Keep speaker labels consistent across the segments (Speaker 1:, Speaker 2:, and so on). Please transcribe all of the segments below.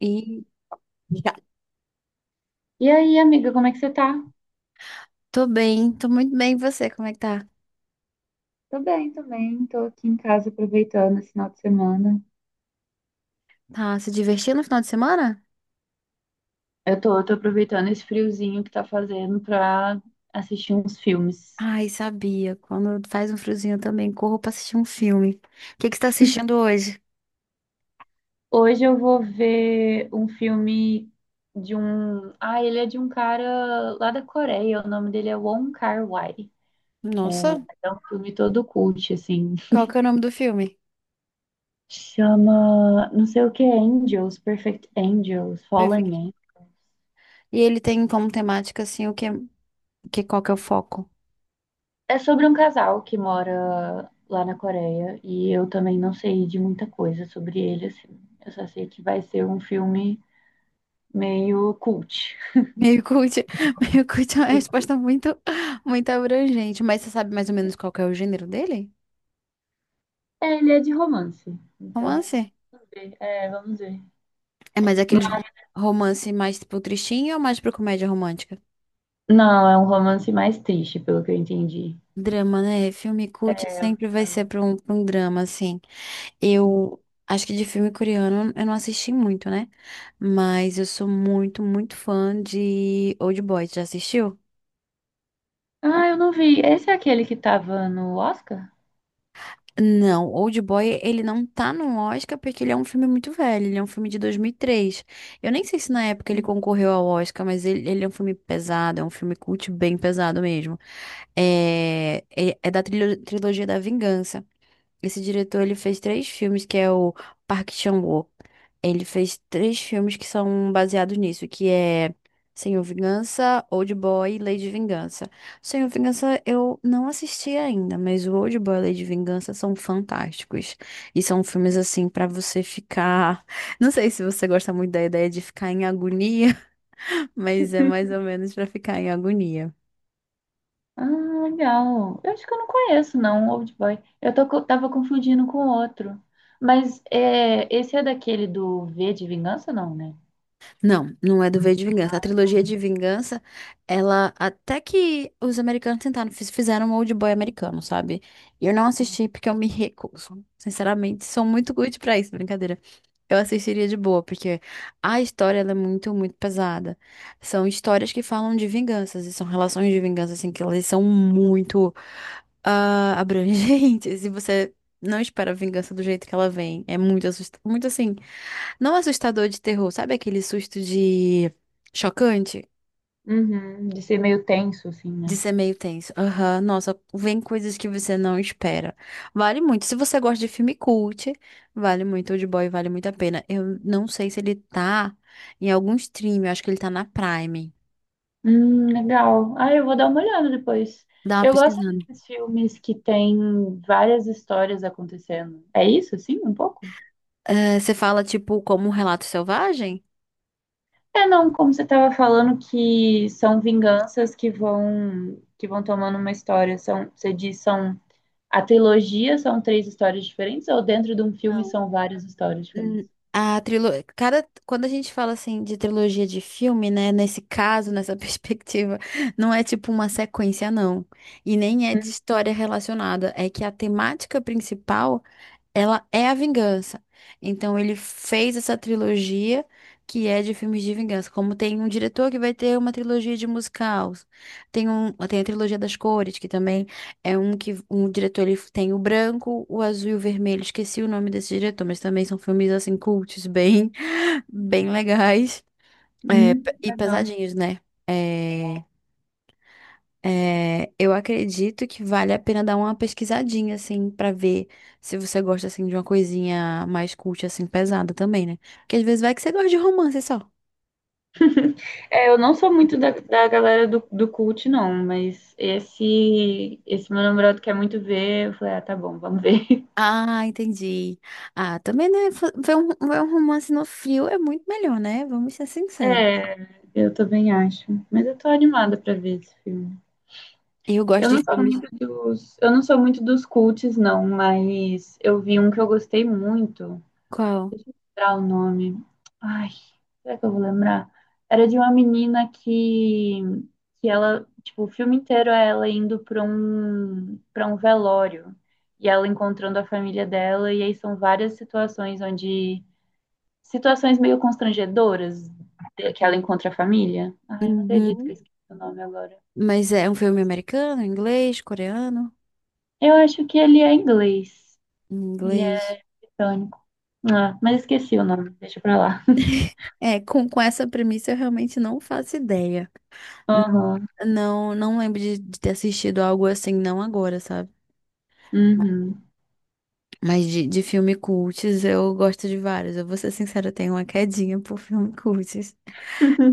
Speaker 1: E já.
Speaker 2: E aí, amiga, como é que você tá?
Speaker 1: Tô bem, tô muito bem. E você, como é que tá?
Speaker 2: Tô bem, tô bem. Tô aqui em casa aproveitando esse final de semana.
Speaker 1: Tá se divertindo no final de semana?
Speaker 2: Eu tô aproveitando esse friozinho que tá fazendo pra assistir uns filmes.
Speaker 1: Ai, sabia. Quando faz um friozinho eu também corro pra assistir um filme. O que que você tá assistindo hoje?
Speaker 2: Hoje eu vou ver um filme de um. Ah, ele é de um cara lá da Coreia. O nome dele é Wong Kar-wai.
Speaker 1: Nossa,
Speaker 2: É um filme todo cult, assim.
Speaker 1: qual que é o nome do filme?
Speaker 2: Chama. Não sei o que é Angels, Perfect Angels,
Speaker 1: Perfeito.
Speaker 2: Fallen.
Speaker 1: E ele tem como temática, assim, que qual que é o foco?
Speaker 2: É sobre um casal que mora lá na Coreia e eu também não sei de muita coisa sobre ele, assim. Eu só sei que vai ser um filme meio cult.
Speaker 1: Meio cult, meio cult é uma resposta muito abrangente. Mas você sabe mais ou menos qual que é o gênero dele?
Speaker 2: É, ele é de romance,
Speaker 1: Romance?
Speaker 2: então vamos ver. É, vamos ver.
Speaker 1: É mais aqueles
Speaker 2: Mas-
Speaker 1: romance mais pro tristinho ou mais pro comédia romântica?
Speaker 2: Não, é um romance mais triste, pelo que eu entendi.
Speaker 1: Drama, né? Filme cult
Speaker 2: É um
Speaker 1: sempre vai ser
Speaker 2: drama.
Speaker 1: pra um drama, assim. Eu acho que de filme coreano eu não assisti muito, né? Mas eu sou muito fã de Old Boy. Já assistiu?
Speaker 2: Ah, eu não vi. Esse é aquele que tava no Oscar?
Speaker 1: Não, Old Boy, ele não tá no Oscar porque ele é um filme muito velho, ele é um filme de 2003. Eu nem sei se na época ele concorreu ao Oscar, mas ele é um filme pesado, é um filme cult bem pesado mesmo. É da trilogia da Vingança. Esse diretor, ele fez três filmes, que é o Park Chan-wook. Ele fez três filmes que são baseados nisso, que é Senhor Vingança, Old Boy e Lady Vingança. Senhor Vingança eu não assisti ainda, mas o Old Boy e Lady Vingança são fantásticos. E são filmes assim pra você ficar, não sei se você gosta muito da ideia de ficar em agonia, mas é mais ou menos pra ficar em agonia.
Speaker 2: Ah, legal. Eu acho que eu não conheço, não, Old Boy. Tava confundindo com outro. Mas é, esse é daquele do V de Vingança, não, né?
Speaker 1: Não, não é do V de Vingança. A trilogia de Vingança, ela até que os americanos tentaram, fizeram um old boy americano, sabe? E eu não assisti porque eu me recuso. Sinceramente, sou muito good pra isso, brincadeira. Eu assistiria de boa, porque a história ela é muito pesada. São histórias que falam de vinganças e são relações de vingança assim que elas são muito abrangentes. E você não espera a vingança do jeito que ela vem. É muito assustador. Muito assim. Não assustador de terror, sabe aquele susto de chocante?
Speaker 2: Uhum, de ser meio tenso, assim,
Speaker 1: De
Speaker 2: né?
Speaker 1: ser meio tenso. Aham, nossa, vem coisas que você não espera. Vale muito. Se você gosta de filme cult, vale muito. Old Boy vale muito a pena. Eu não sei se ele tá em algum stream, eu acho que ele tá na Prime.
Speaker 2: Legal. Ah, eu vou dar uma olhada depois.
Speaker 1: Dá uma
Speaker 2: Eu gosto
Speaker 1: pesquisando.
Speaker 2: desses filmes que tem várias histórias acontecendo. É isso, assim, um pouco?
Speaker 1: Eh, você fala, tipo, como um relato selvagem?
Speaker 2: É, não, como você estava falando que são vinganças que vão tomando uma história, são, você diz, são. A trilogia são três histórias diferentes ou dentro de um filme são várias histórias
Speaker 1: Hum,
Speaker 2: diferentes?
Speaker 1: A trilogia, cada quando a gente fala assim de trilogia de filme, né, nesse caso, nessa perspectiva, não é tipo uma sequência, não. E nem é de história relacionada, é que a temática principal ela é a vingança. Então ele fez essa trilogia que é de filmes de vingança. Como tem um diretor que vai ter uma trilogia de musicais, tem a trilogia das cores, que também é um que um diretor ele tem o branco, o azul e o vermelho. Esqueci o nome desse diretor, mas também são filmes assim cultos, bem bem legais, é, e
Speaker 2: Legal.
Speaker 1: pesadinhos, né? É, é, eu acredito que vale a pena dar uma pesquisadinha, assim, pra ver se você gosta, assim, de uma coisinha mais cult, assim, pesada também, né? Porque às vezes vai que você gosta de romance só.
Speaker 2: É, eu não sou muito da galera do cult, não, mas esse meu namorado quer muito ver. Eu falei, ah, tá bom, vamos ver.
Speaker 1: Ah, entendi. Ah, também, né? Ver ver um romance no frio é muito melhor, né? Vamos ser sinceros.
Speaker 2: É, eu também acho. Mas eu tô animada pra ver esse filme.
Speaker 1: Eu
Speaker 2: Eu
Speaker 1: gosto de
Speaker 2: não sou
Speaker 1: filmes.
Speaker 2: muito dos, eu não sou muito dos cults, não, mas eu vi um que eu gostei muito.
Speaker 1: Qual?
Speaker 2: Deixa eu lembrar o nome. Ai, será que eu vou lembrar? Era de uma menina que ela, tipo, o filme inteiro é ela indo para um velório e ela encontrando a família dela, e aí são várias situações onde, situações meio constrangedoras que ela encontra a família. Ai, eu não acredito que eu
Speaker 1: Uhum.
Speaker 2: esqueci o nome agora.
Speaker 1: Mas é um filme americano, inglês, coreano?
Speaker 2: Eu acho que ele é inglês, ele
Speaker 1: Inglês.
Speaker 2: é britânico. Ah, mas esqueci o nome, deixa pra lá.
Speaker 1: É, com essa premissa eu realmente não faço ideia.
Speaker 2: Aham,
Speaker 1: Não, não lembro de ter assistido algo assim, não agora, sabe?
Speaker 2: uhum,
Speaker 1: Mas de filme cults eu gosto de vários. Eu vou ser sincera, eu tenho uma quedinha por filme cults.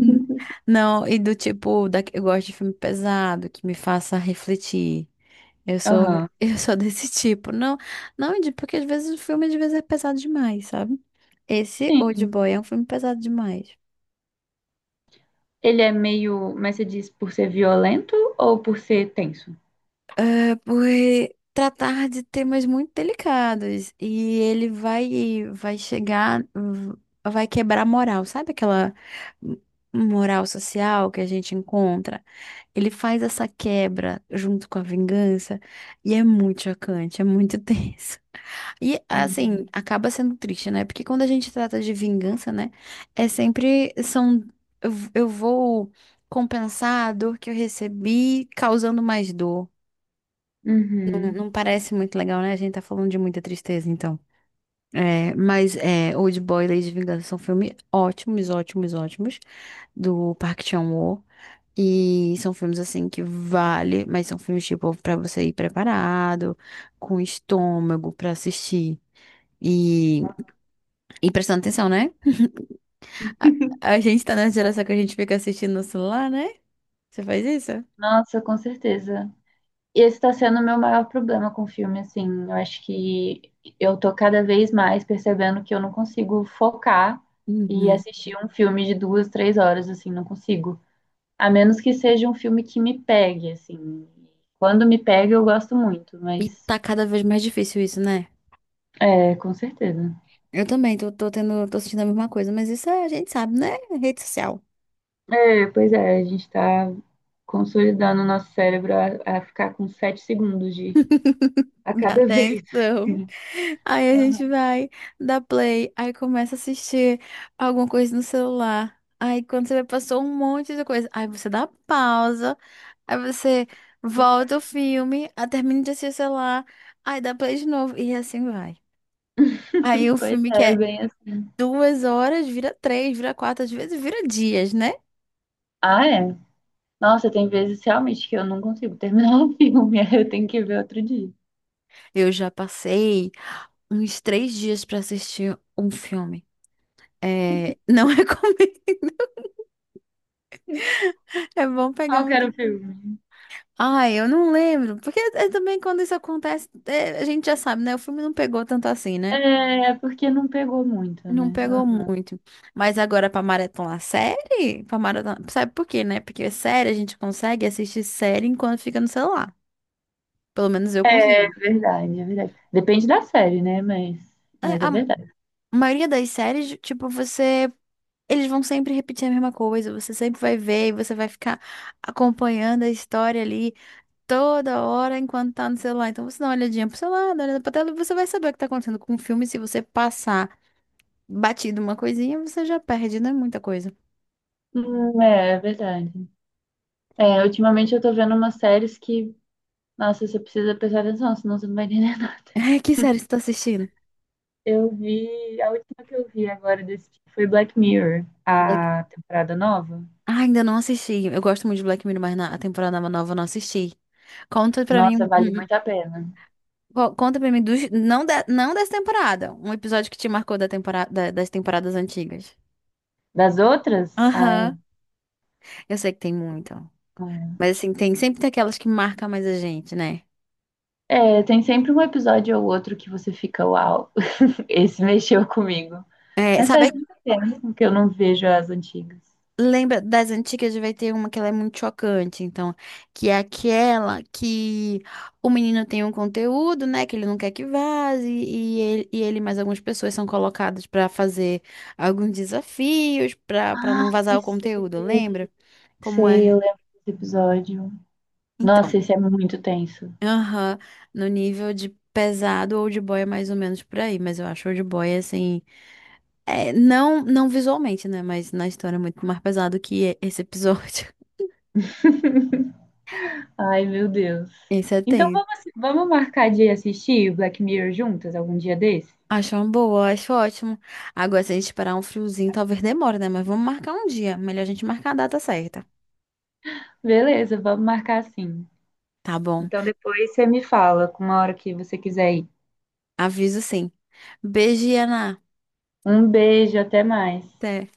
Speaker 1: Hum. Não, e do tipo, eu gosto de filme pesado, que me faça refletir. Eu sou,
Speaker 2: aham.
Speaker 1: eu sou desse tipo. Não, não, de- Porque às vezes o filme às vezes é pesado demais, sabe? Esse
Speaker 2: Sim.
Speaker 1: Old Boy é um filme pesado demais.
Speaker 2: Ele é meio. Mas você diz por ser violento ou por ser tenso?
Speaker 1: É por tratar de temas muito delicados e ele vai chegar, vai quebrar a moral, sabe aquela m- moral social que a gente encontra? Ele faz essa quebra junto com a vingança e é muito chocante, é muito tenso. E
Speaker 2: Uhum.
Speaker 1: assim, acaba sendo triste, né? Porque quando a gente trata de vingança, né, é sempre são eu vou compensar a dor que eu recebi causando mais dor.
Speaker 2: Uhum.
Speaker 1: Não parece muito legal, né? A gente tá falando de muita tristeza, então. É, mas é, Old Boy e Lady Vingança são filmes ótimos, do Park Chan-wook. E são filmes, assim, que vale, mas são filmes, tipo, pra você ir preparado, com estômago pra assistir. E, e prestando atenção, né? A, a gente tá nessa geração que a gente fica assistindo no celular, né? Você faz isso?
Speaker 2: Nossa, com certeza. E esse está sendo o meu maior problema com o filme, assim. Eu acho que eu tô cada vez mais percebendo que eu não consigo focar e
Speaker 1: Uhum.
Speaker 2: assistir um filme de 2, 3 horas, assim, não consigo. A menos que seja um filme que me pegue, assim. Quando me pega, eu gosto muito,
Speaker 1: E
Speaker 2: mas
Speaker 1: tá cada vez mais difícil isso, né?
Speaker 2: é, com certeza.
Speaker 1: Eu também tô sentindo a mesma coisa, mas isso a gente sabe, né? Rede social.
Speaker 2: É, pois é, a gente está consolidando o nosso cérebro a ficar com 7 segundos de a
Speaker 1: Já
Speaker 2: cada vez.
Speaker 1: atenção. Aí a
Speaker 2: Aham.
Speaker 1: gente vai, dá play, aí começa a assistir alguma coisa no celular. Aí quando você vê, passou um monte de coisa. Aí você dá pausa, aí você volta o filme, aí termina de assistir o celular, aí dá play de novo e assim vai. Aí o
Speaker 2: Pois
Speaker 1: filme que
Speaker 2: é,
Speaker 1: é
Speaker 2: bem assim.
Speaker 1: duas horas vira três, vira quatro, às vezes vira dias, né?
Speaker 2: Ah, é? Nossa, tem vezes realmente que eu não consigo terminar o filme, aí eu tenho que ver outro dia.
Speaker 1: Eu já passei uns três dias pra assistir um filme. É, não recomendo. É bom pegar
Speaker 2: Qual que
Speaker 1: um
Speaker 2: era o
Speaker 1: tempo.
Speaker 2: filme?
Speaker 1: Ai, eu não lembro. Porque também quando isso acontece, é, a gente já sabe, né? O filme não pegou tanto assim, né?
Speaker 2: É, porque não pegou muito,
Speaker 1: Não
Speaker 2: né?
Speaker 1: pegou
Speaker 2: Aham.
Speaker 1: muito. Mas agora pra maratonar série, pra maratonar, sabe por quê, né? Porque série a gente consegue assistir série enquanto fica no celular. Pelo menos eu consigo.
Speaker 2: Verdade, é verdade. Depende da série, né?
Speaker 1: É,
Speaker 2: Mas é
Speaker 1: a
Speaker 2: verdade.
Speaker 1: maioria das séries, tipo, você eles vão sempre repetir a mesma coisa, você sempre vai ver e você vai ficar acompanhando a história ali toda hora enquanto tá no celular. Então você dá uma olhadinha pro seu lado, olha pra tela, e você vai saber o que tá acontecendo com o filme. Se você passar batido uma coisinha, você já perde, não é muita coisa.
Speaker 2: É, é verdade. É, ultimamente eu tô vendo umas séries que, nossa, você precisa prestar atenção, senão você não vai entender.
Speaker 1: É, que série você tá assistindo?
Speaker 2: Eu vi, a última que eu vi agora desse tipo foi Black Mirror,
Speaker 1: Black...
Speaker 2: a temporada nova.
Speaker 1: Ah, ainda não assisti. Eu gosto muito de Black Mirror, mas a temporada nova eu não assisti. Conta pra mim,
Speaker 2: Nossa, vale muito a pena.
Speaker 1: conta pra mim dos, não, da, não dessa temporada, um episódio que te marcou da temporada, das temporadas antigas.
Speaker 2: Das outras, ai.
Speaker 1: Aham. Eu sei que tem muito.
Speaker 2: Hum.
Speaker 1: Mas assim, tem aquelas que marcam mais a gente, né?
Speaker 2: É, tem sempre um episódio ou outro que você fica, uau, esse mexeu comigo.
Speaker 1: É,
Speaker 2: Mas
Speaker 1: sabe,
Speaker 2: faz
Speaker 1: é,
Speaker 2: muito tempo que eu não vejo as antigas.
Speaker 1: lembra das antigas, vai ter uma que ela é muito chocante, então, que é aquela que o menino tem um conteúdo, né, que ele não quer que vaze, e ele mais algumas pessoas são colocadas pra fazer alguns desafios pra para não vazar
Speaker 2: Ai,
Speaker 1: o
Speaker 2: sei,
Speaker 1: conteúdo, lembra? Como
Speaker 2: sei,
Speaker 1: é?
Speaker 2: eu lembro desse episódio. Nossa,
Speaker 1: Então,
Speaker 2: esse é muito tenso.
Speaker 1: aham, no nível de pesado, old boy é mais ou menos por aí, mas eu acho old boy assim é, não, não visualmente, né? Mas na história é muito mais pesado que esse episódio.
Speaker 2: Ai, meu Deus.
Speaker 1: Esse é
Speaker 2: Então
Speaker 1: tenso.
Speaker 2: vamos, vamos marcar de assistir Black Mirror juntas algum dia desse?
Speaker 1: Acho uma boa, acho ótimo. Agora, se a gente esperar um friozinho, talvez demore, né? Mas vamos marcar um dia. Melhor a gente marcar a data certa.
Speaker 2: Beleza, vamos marcar assim.
Speaker 1: Tá bom.
Speaker 2: Então depois você me fala com uma hora que você quiser ir.
Speaker 1: Aviso sim. Beijo, Ana.
Speaker 2: Um beijo, até mais.
Speaker 1: Até.